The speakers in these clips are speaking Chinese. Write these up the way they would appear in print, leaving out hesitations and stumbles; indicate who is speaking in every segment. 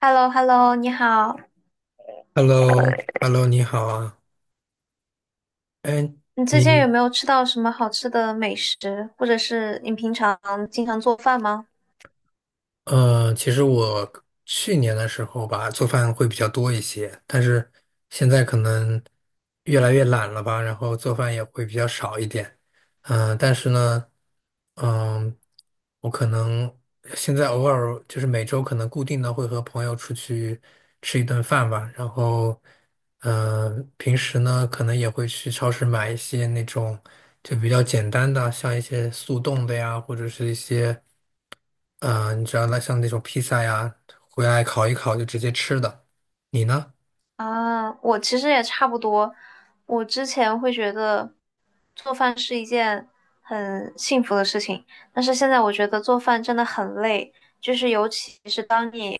Speaker 1: Hello hello 你好。
Speaker 2: h e l l o hello 你好啊，哎，
Speaker 1: 你最近
Speaker 2: 你，
Speaker 1: 有没有吃到什么好吃的美食，或者是你平常经常做饭吗？
Speaker 2: 其实我去年的时候吧，做饭会比较多一些，但是现在可能越来越懒了吧，然后做饭也会比较少一点。但是呢，嗯、我可能现在偶尔就是每周可能固定的会和朋友出去吃一顿饭吧，然后，平时呢可能也会去超市买一些那种就比较简单的，像一些速冻的呀，或者是一些。你知道那像那种披萨呀，回来烤一烤就直接吃的。你呢？
Speaker 1: 啊，我其实也差不多。我之前会觉得做饭是一件很幸福的事情，但是现在我觉得做饭真的很累，就是尤其是当你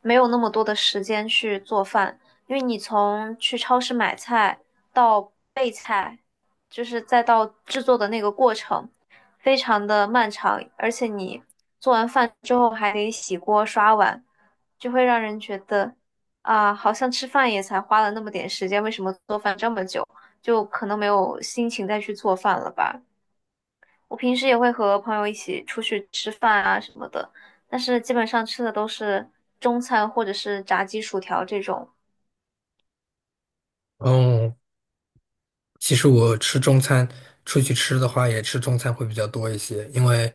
Speaker 1: 没有那么多的时间去做饭，因为你从去超市买菜到备菜，就是再到制作的那个过程，非常的漫长，而且你做完饭之后还得洗锅刷碗，就会让人觉得。啊，好像吃饭也才花了那么点时间，为什么做饭这么久？就可能没有心情再去做饭了吧。我平时也会和朋友一起出去吃饭啊什么的，但是基本上吃的都是中餐或者是炸鸡、薯条这种
Speaker 2: 嗯哦，其实我吃中餐，出去吃的话也吃中餐会比较多一些，因为，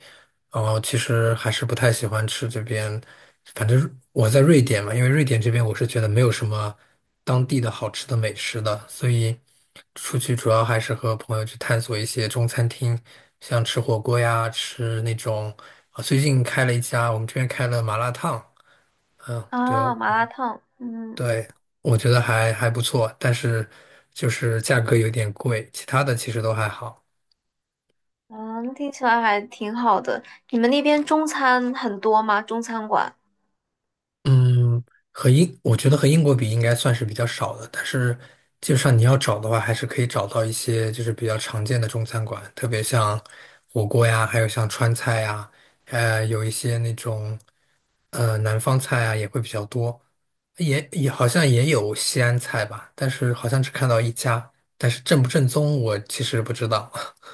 Speaker 2: 其实还是不太喜欢吃这边，反正我在瑞典嘛，因为瑞典这边我是觉得没有什么当地的好吃的美食的，所以出去主要还是和朋友去探索一些中餐厅，像吃火锅呀，吃那种，啊，最近开了一家，我们这边开了麻辣烫，嗯，对
Speaker 1: 啊，
Speaker 2: 哦。
Speaker 1: 麻辣烫，嗯
Speaker 2: 对，我觉得还不错，但是就是价格有点贵，其他的其实都还好。
Speaker 1: 嗯，听起来还挺好的。你们那边中餐很多吗？中餐馆？
Speaker 2: 嗯，我觉得和英国比应该算是比较少的，但是基本上你要找的话，还是可以找到一些就是比较常见的中餐馆，特别像火锅呀，还有像川菜呀，有一些那种南方菜啊也会比较多，也好像也有西安菜吧，但是好像只看到一家，但是正不正宗我其实不知道。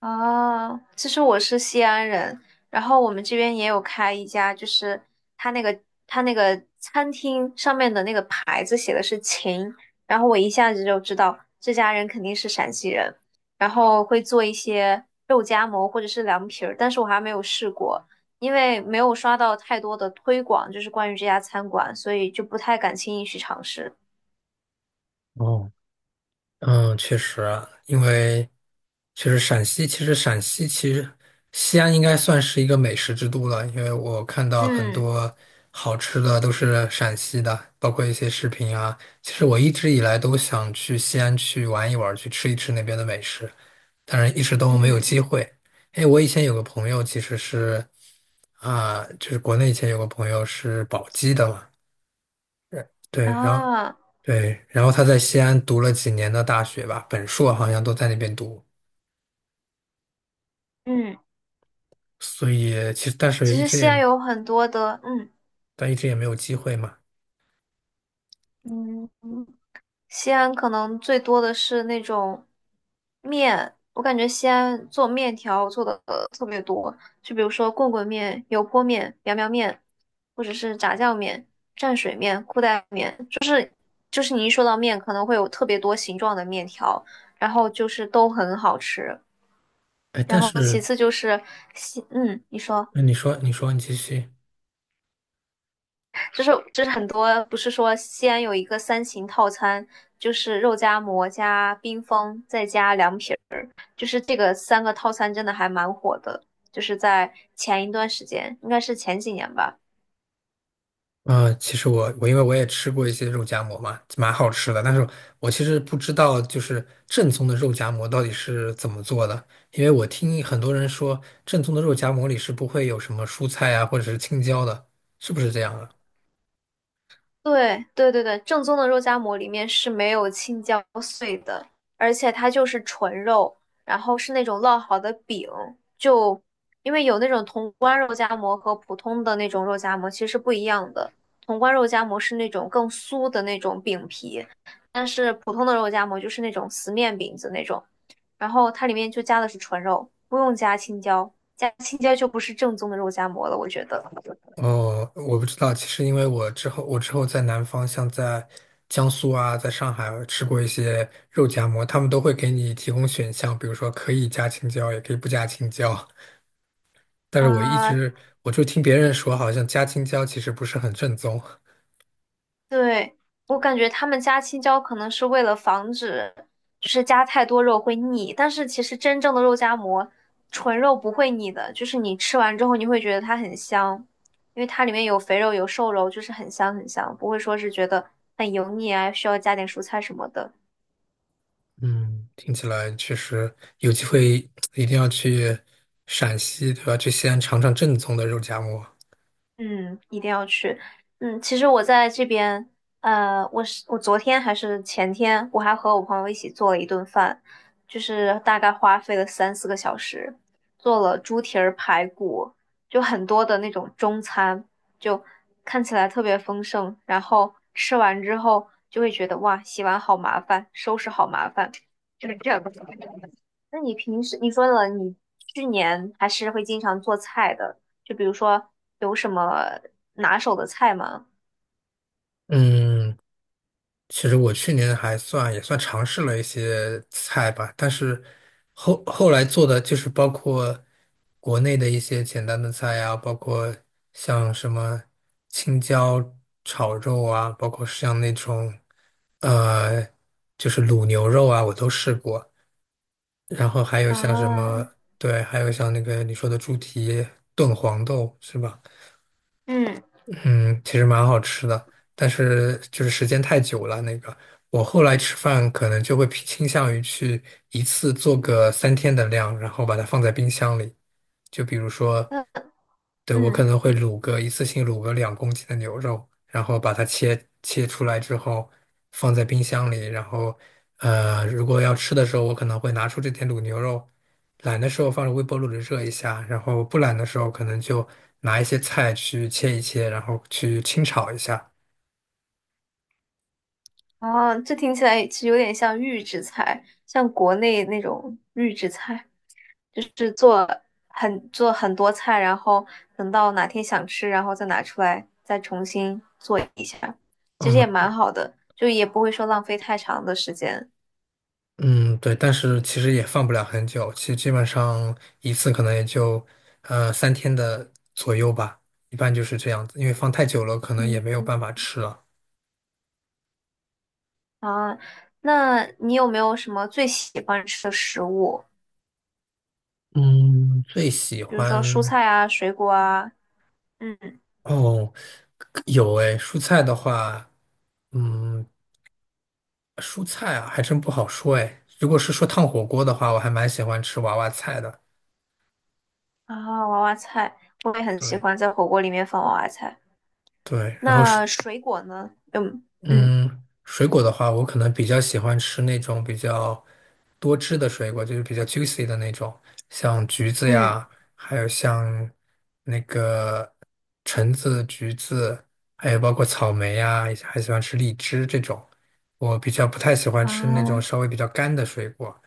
Speaker 1: 啊，其实我是西安人，然后我们这边也有开一家，就是他那个他那个餐厅上面的那个牌子写的是“秦”，然后我一下子就知道这家人肯定是陕西人，然后会做一些肉夹馍或者是凉皮儿，但是我还没有试过，因为没有刷到太多的推广，就是关于这家餐馆，所以就不太敢轻易去尝试。
Speaker 2: 哦。嗯，确实啊因为确实陕西，其实陕西其实西安应该算是一个美食之都了，因为我看到很
Speaker 1: 嗯
Speaker 2: 多好吃的都是陕西的，包括一些视频啊。其实我一直以来都想去西安去玩一玩，去吃一吃那边的美食，但是一直都没有机
Speaker 1: 嗯
Speaker 2: 会。哎，我以前有个朋友其实是啊，就是国内以前有个朋友是宝鸡的嘛，呃对，然后
Speaker 1: 啊
Speaker 2: 对，然后他在西安读了几年的大学吧，本硕好像都在那边读，
Speaker 1: 嗯，
Speaker 2: 所以其实但
Speaker 1: 其
Speaker 2: 是一
Speaker 1: 实
Speaker 2: 直
Speaker 1: 西
Speaker 2: 也
Speaker 1: 安有很多的嗯。
Speaker 2: 但一直也没有机会嘛。
Speaker 1: 嗯，西安可能最多的是那种面，我感觉西安做面条做的特别多，就比如说棍棍面、油泼面、苗苗面，或者是炸酱面、蘸水面、裤带面，就是你一说到面，可能会有特别多形状的面条，然后就是都很好吃。
Speaker 2: 哎，
Speaker 1: 然
Speaker 2: 但
Speaker 1: 后
Speaker 2: 是
Speaker 1: 其次就是嗯，你说，
Speaker 2: 那你说你继续。
Speaker 1: 就是很多不是说西安有一个三秦套餐，就是肉夹馍加冰峰再加凉皮。就是这个三个套餐真的还蛮火的，就是在前一段时间，应该是前几年吧，
Speaker 2: 啊，其实我因为我也吃过一些肉夹馍嘛，蛮好吃的，但是我其实不知道就是正宗的肉夹馍到底是怎么做的，因为我听很多人说正宗的肉夹馍里是不会有什么蔬菜啊或者是青椒的，是不是这样啊？
Speaker 1: 对对对对，正宗的肉夹馍里面是没有青椒碎的，而且它就是纯肉，然后是那种烙好的饼。就因为有那种潼关肉夹馍和普通的那种肉夹馍其实是不一样的，潼关肉夹馍是那种更酥的那种饼皮，但是普通的肉夹馍就是那种死面饼子那种，然后它里面就加的是纯肉，不用加青椒，加青椒就不是正宗的肉夹馍了，我觉得。
Speaker 2: 哦，我不知道。其实因为我之后在南方，像在江苏啊，在上海吃过一些肉夹馍，他们都会给你提供选项，比如说可以加青椒，也可以不加青椒。但是我一
Speaker 1: 啊、
Speaker 2: 直我就听别人说，好像加青椒其实不是很正宗。
Speaker 1: 对，我感觉他们加青椒可能是为了防止，就是加太多肉会腻。但是其实真正的肉夹馍，纯肉不会腻的，就是你吃完之后你会觉得它很香，因为它里面有肥肉有瘦肉，就是很香很香，不会说是觉得很油腻啊，需要加点蔬菜什么的。
Speaker 2: 嗯，听起来确实有机会一定要去陕西，对吧？去西安尝尝正宗的肉夹馍。
Speaker 1: 嗯，一定要去。嗯，其实我在这边，我昨天还是前天，我还和我朋友一起做了一顿饭，就是大概花费了3、4个小时，做了猪蹄儿排骨，就很多的那种中餐，就看起来特别丰盛。然后吃完之后就会觉得哇，洗碗好麻烦，收拾好麻烦，就是这样。那你平时你说了，你去年还是会经常做菜的，就比如说有什么拿手的菜吗？
Speaker 2: 嗯，其实我去年还算也算尝试了一些菜吧，但是后来做的就是包括国内的一些简单的菜呀、包括像什么青椒炒肉啊，包括像那种呃就是卤牛肉啊，我都试过。然后还有像什
Speaker 1: 啊，
Speaker 2: 么，对，还有像那个你说的猪蹄炖黄豆是吧？
Speaker 1: 嗯，
Speaker 2: 嗯，其实蛮好吃的，但是就是时间太久了。那个，我后来吃饭可能就会偏倾向于去一次做个三天的量，然后把它放在冰箱里。就比如说，
Speaker 1: 那
Speaker 2: 对，我可
Speaker 1: 嗯，
Speaker 2: 能会一次性卤个2公斤的牛肉，然后把它切出来之后放在冰箱里，然后如果要吃的时候，我可能会拿出这点卤牛肉，懒的时候放入微波炉里热一下，然后不懒的时候可能就拿一些菜去切一切，然后去清炒一下。
Speaker 1: 哦，这听起来其实有点像预制菜，像国内那种预制菜，就是做很多菜，然后等到哪天想吃，然后再拿出来，再重新做一下，其实也
Speaker 2: 嗯
Speaker 1: 蛮好的，就也不会说浪费太长的时间。
Speaker 2: 嗯，对，但是其实也放不了很久，其实基本上一次可能也就三天的左右吧，一般就是这样子，因为放太久了可能也
Speaker 1: 嗯。
Speaker 2: 没有办法吃了。
Speaker 1: 啊，那你有没有什么最喜欢吃的食物？
Speaker 2: 嗯，最喜
Speaker 1: 比如说蔬
Speaker 2: 欢
Speaker 1: 菜啊、水果啊，嗯，
Speaker 2: 哦，有诶，蔬菜的话，嗯，蔬菜啊，还真不好说哎。如果是说烫火锅的话，我还蛮喜欢吃娃娃菜的。
Speaker 1: 啊，娃娃菜，我也很喜
Speaker 2: 对
Speaker 1: 欢在火锅里面放娃娃菜。
Speaker 2: 对，然后是
Speaker 1: 那水果呢？嗯嗯
Speaker 2: 嗯，水果的话，我可能比较喜欢吃那种比较多汁的水果，就是比较 juicy 的那种，像橘子
Speaker 1: 嗯，
Speaker 2: 呀，还有像那个橙子、橘子，还有包括草莓呀，还喜欢吃荔枝这种。我比较不太喜欢吃那种
Speaker 1: 啊，
Speaker 2: 稍微比较干的水果。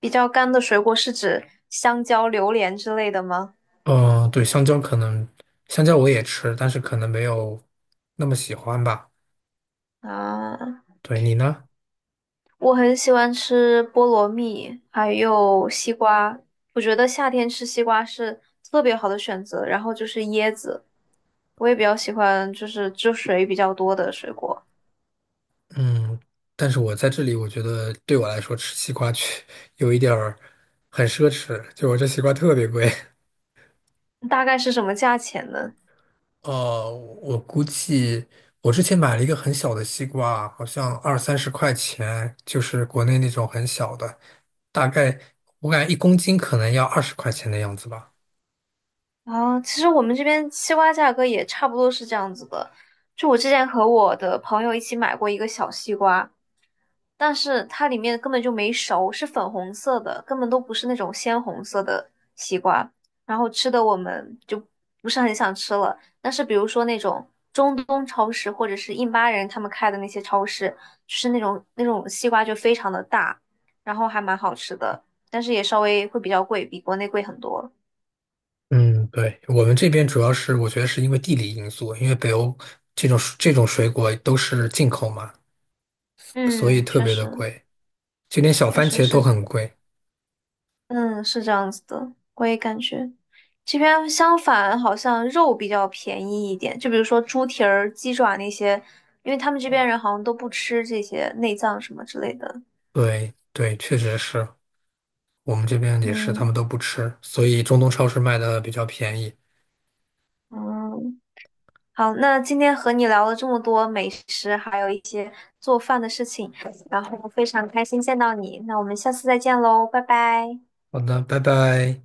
Speaker 1: 比较干的水果是指香蕉、榴莲之类的吗？
Speaker 2: 嗯，对，香蕉可能，香蕉我也吃，但是可能没有那么喜欢吧。
Speaker 1: 啊，
Speaker 2: 对，你呢？
Speaker 1: 我很喜欢吃菠萝蜜，还有西瓜。我觉得夏天吃西瓜是特别好的选择。然后就是椰子，我也比较喜欢，就是汁水比较多的水果。
Speaker 2: 嗯，但是我在这里，我觉得对我来说吃西瓜有一点儿很奢侈，就我这西瓜特别贵。
Speaker 1: 大概是什么价钱呢？
Speaker 2: 哦，我估计我之前买了一个很小的西瓜，好像二三十块钱，就是国内那种很小的，大概我感觉1公斤可能要20块钱的样子吧。
Speaker 1: 啊，其实我们这边西瓜价格也差不多是这样子的。就我之前和我的朋友一起买过一个小西瓜，但是它里面根本就没熟，是粉红色的，根本都不是那种鲜红色的西瓜。然后吃的我们就不是很想吃了。但是比如说那种中东超市或者是印巴人他们开的那些超市，就是那种西瓜就非常的大，然后还蛮好吃的，但是也稍微会比较贵，比国内贵很多。
Speaker 2: 嗯，对，我们这边主要是我觉得是因为地理因素，因为北欧这种水果都是进口嘛，所以
Speaker 1: 嗯，
Speaker 2: 特
Speaker 1: 确
Speaker 2: 别的
Speaker 1: 实
Speaker 2: 贵，就连小
Speaker 1: 确
Speaker 2: 番
Speaker 1: 实
Speaker 2: 茄都
Speaker 1: 是
Speaker 2: 很贵。
Speaker 1: 嗯，是这样子的，我也感觉这边相反，好像肉比较便宜一点。就比如说猪蹄儿、鸡爪那些，因为他们这边人好像都不吃这些内脏什么之类的。
Speaker 2: 对对，确实是我们这边也是，他
Speaker 1: 嗯
Speaker 2: 们都不吃，所以中东超市卖的比较便宜。
Speaker 1: 嗯，好，那今天和你聊了这么多美食，还有一些做饭的事情，然后非常开心见到你。那我们下次再见喽，拜拜。
Speaker 2: 好的，拜拜。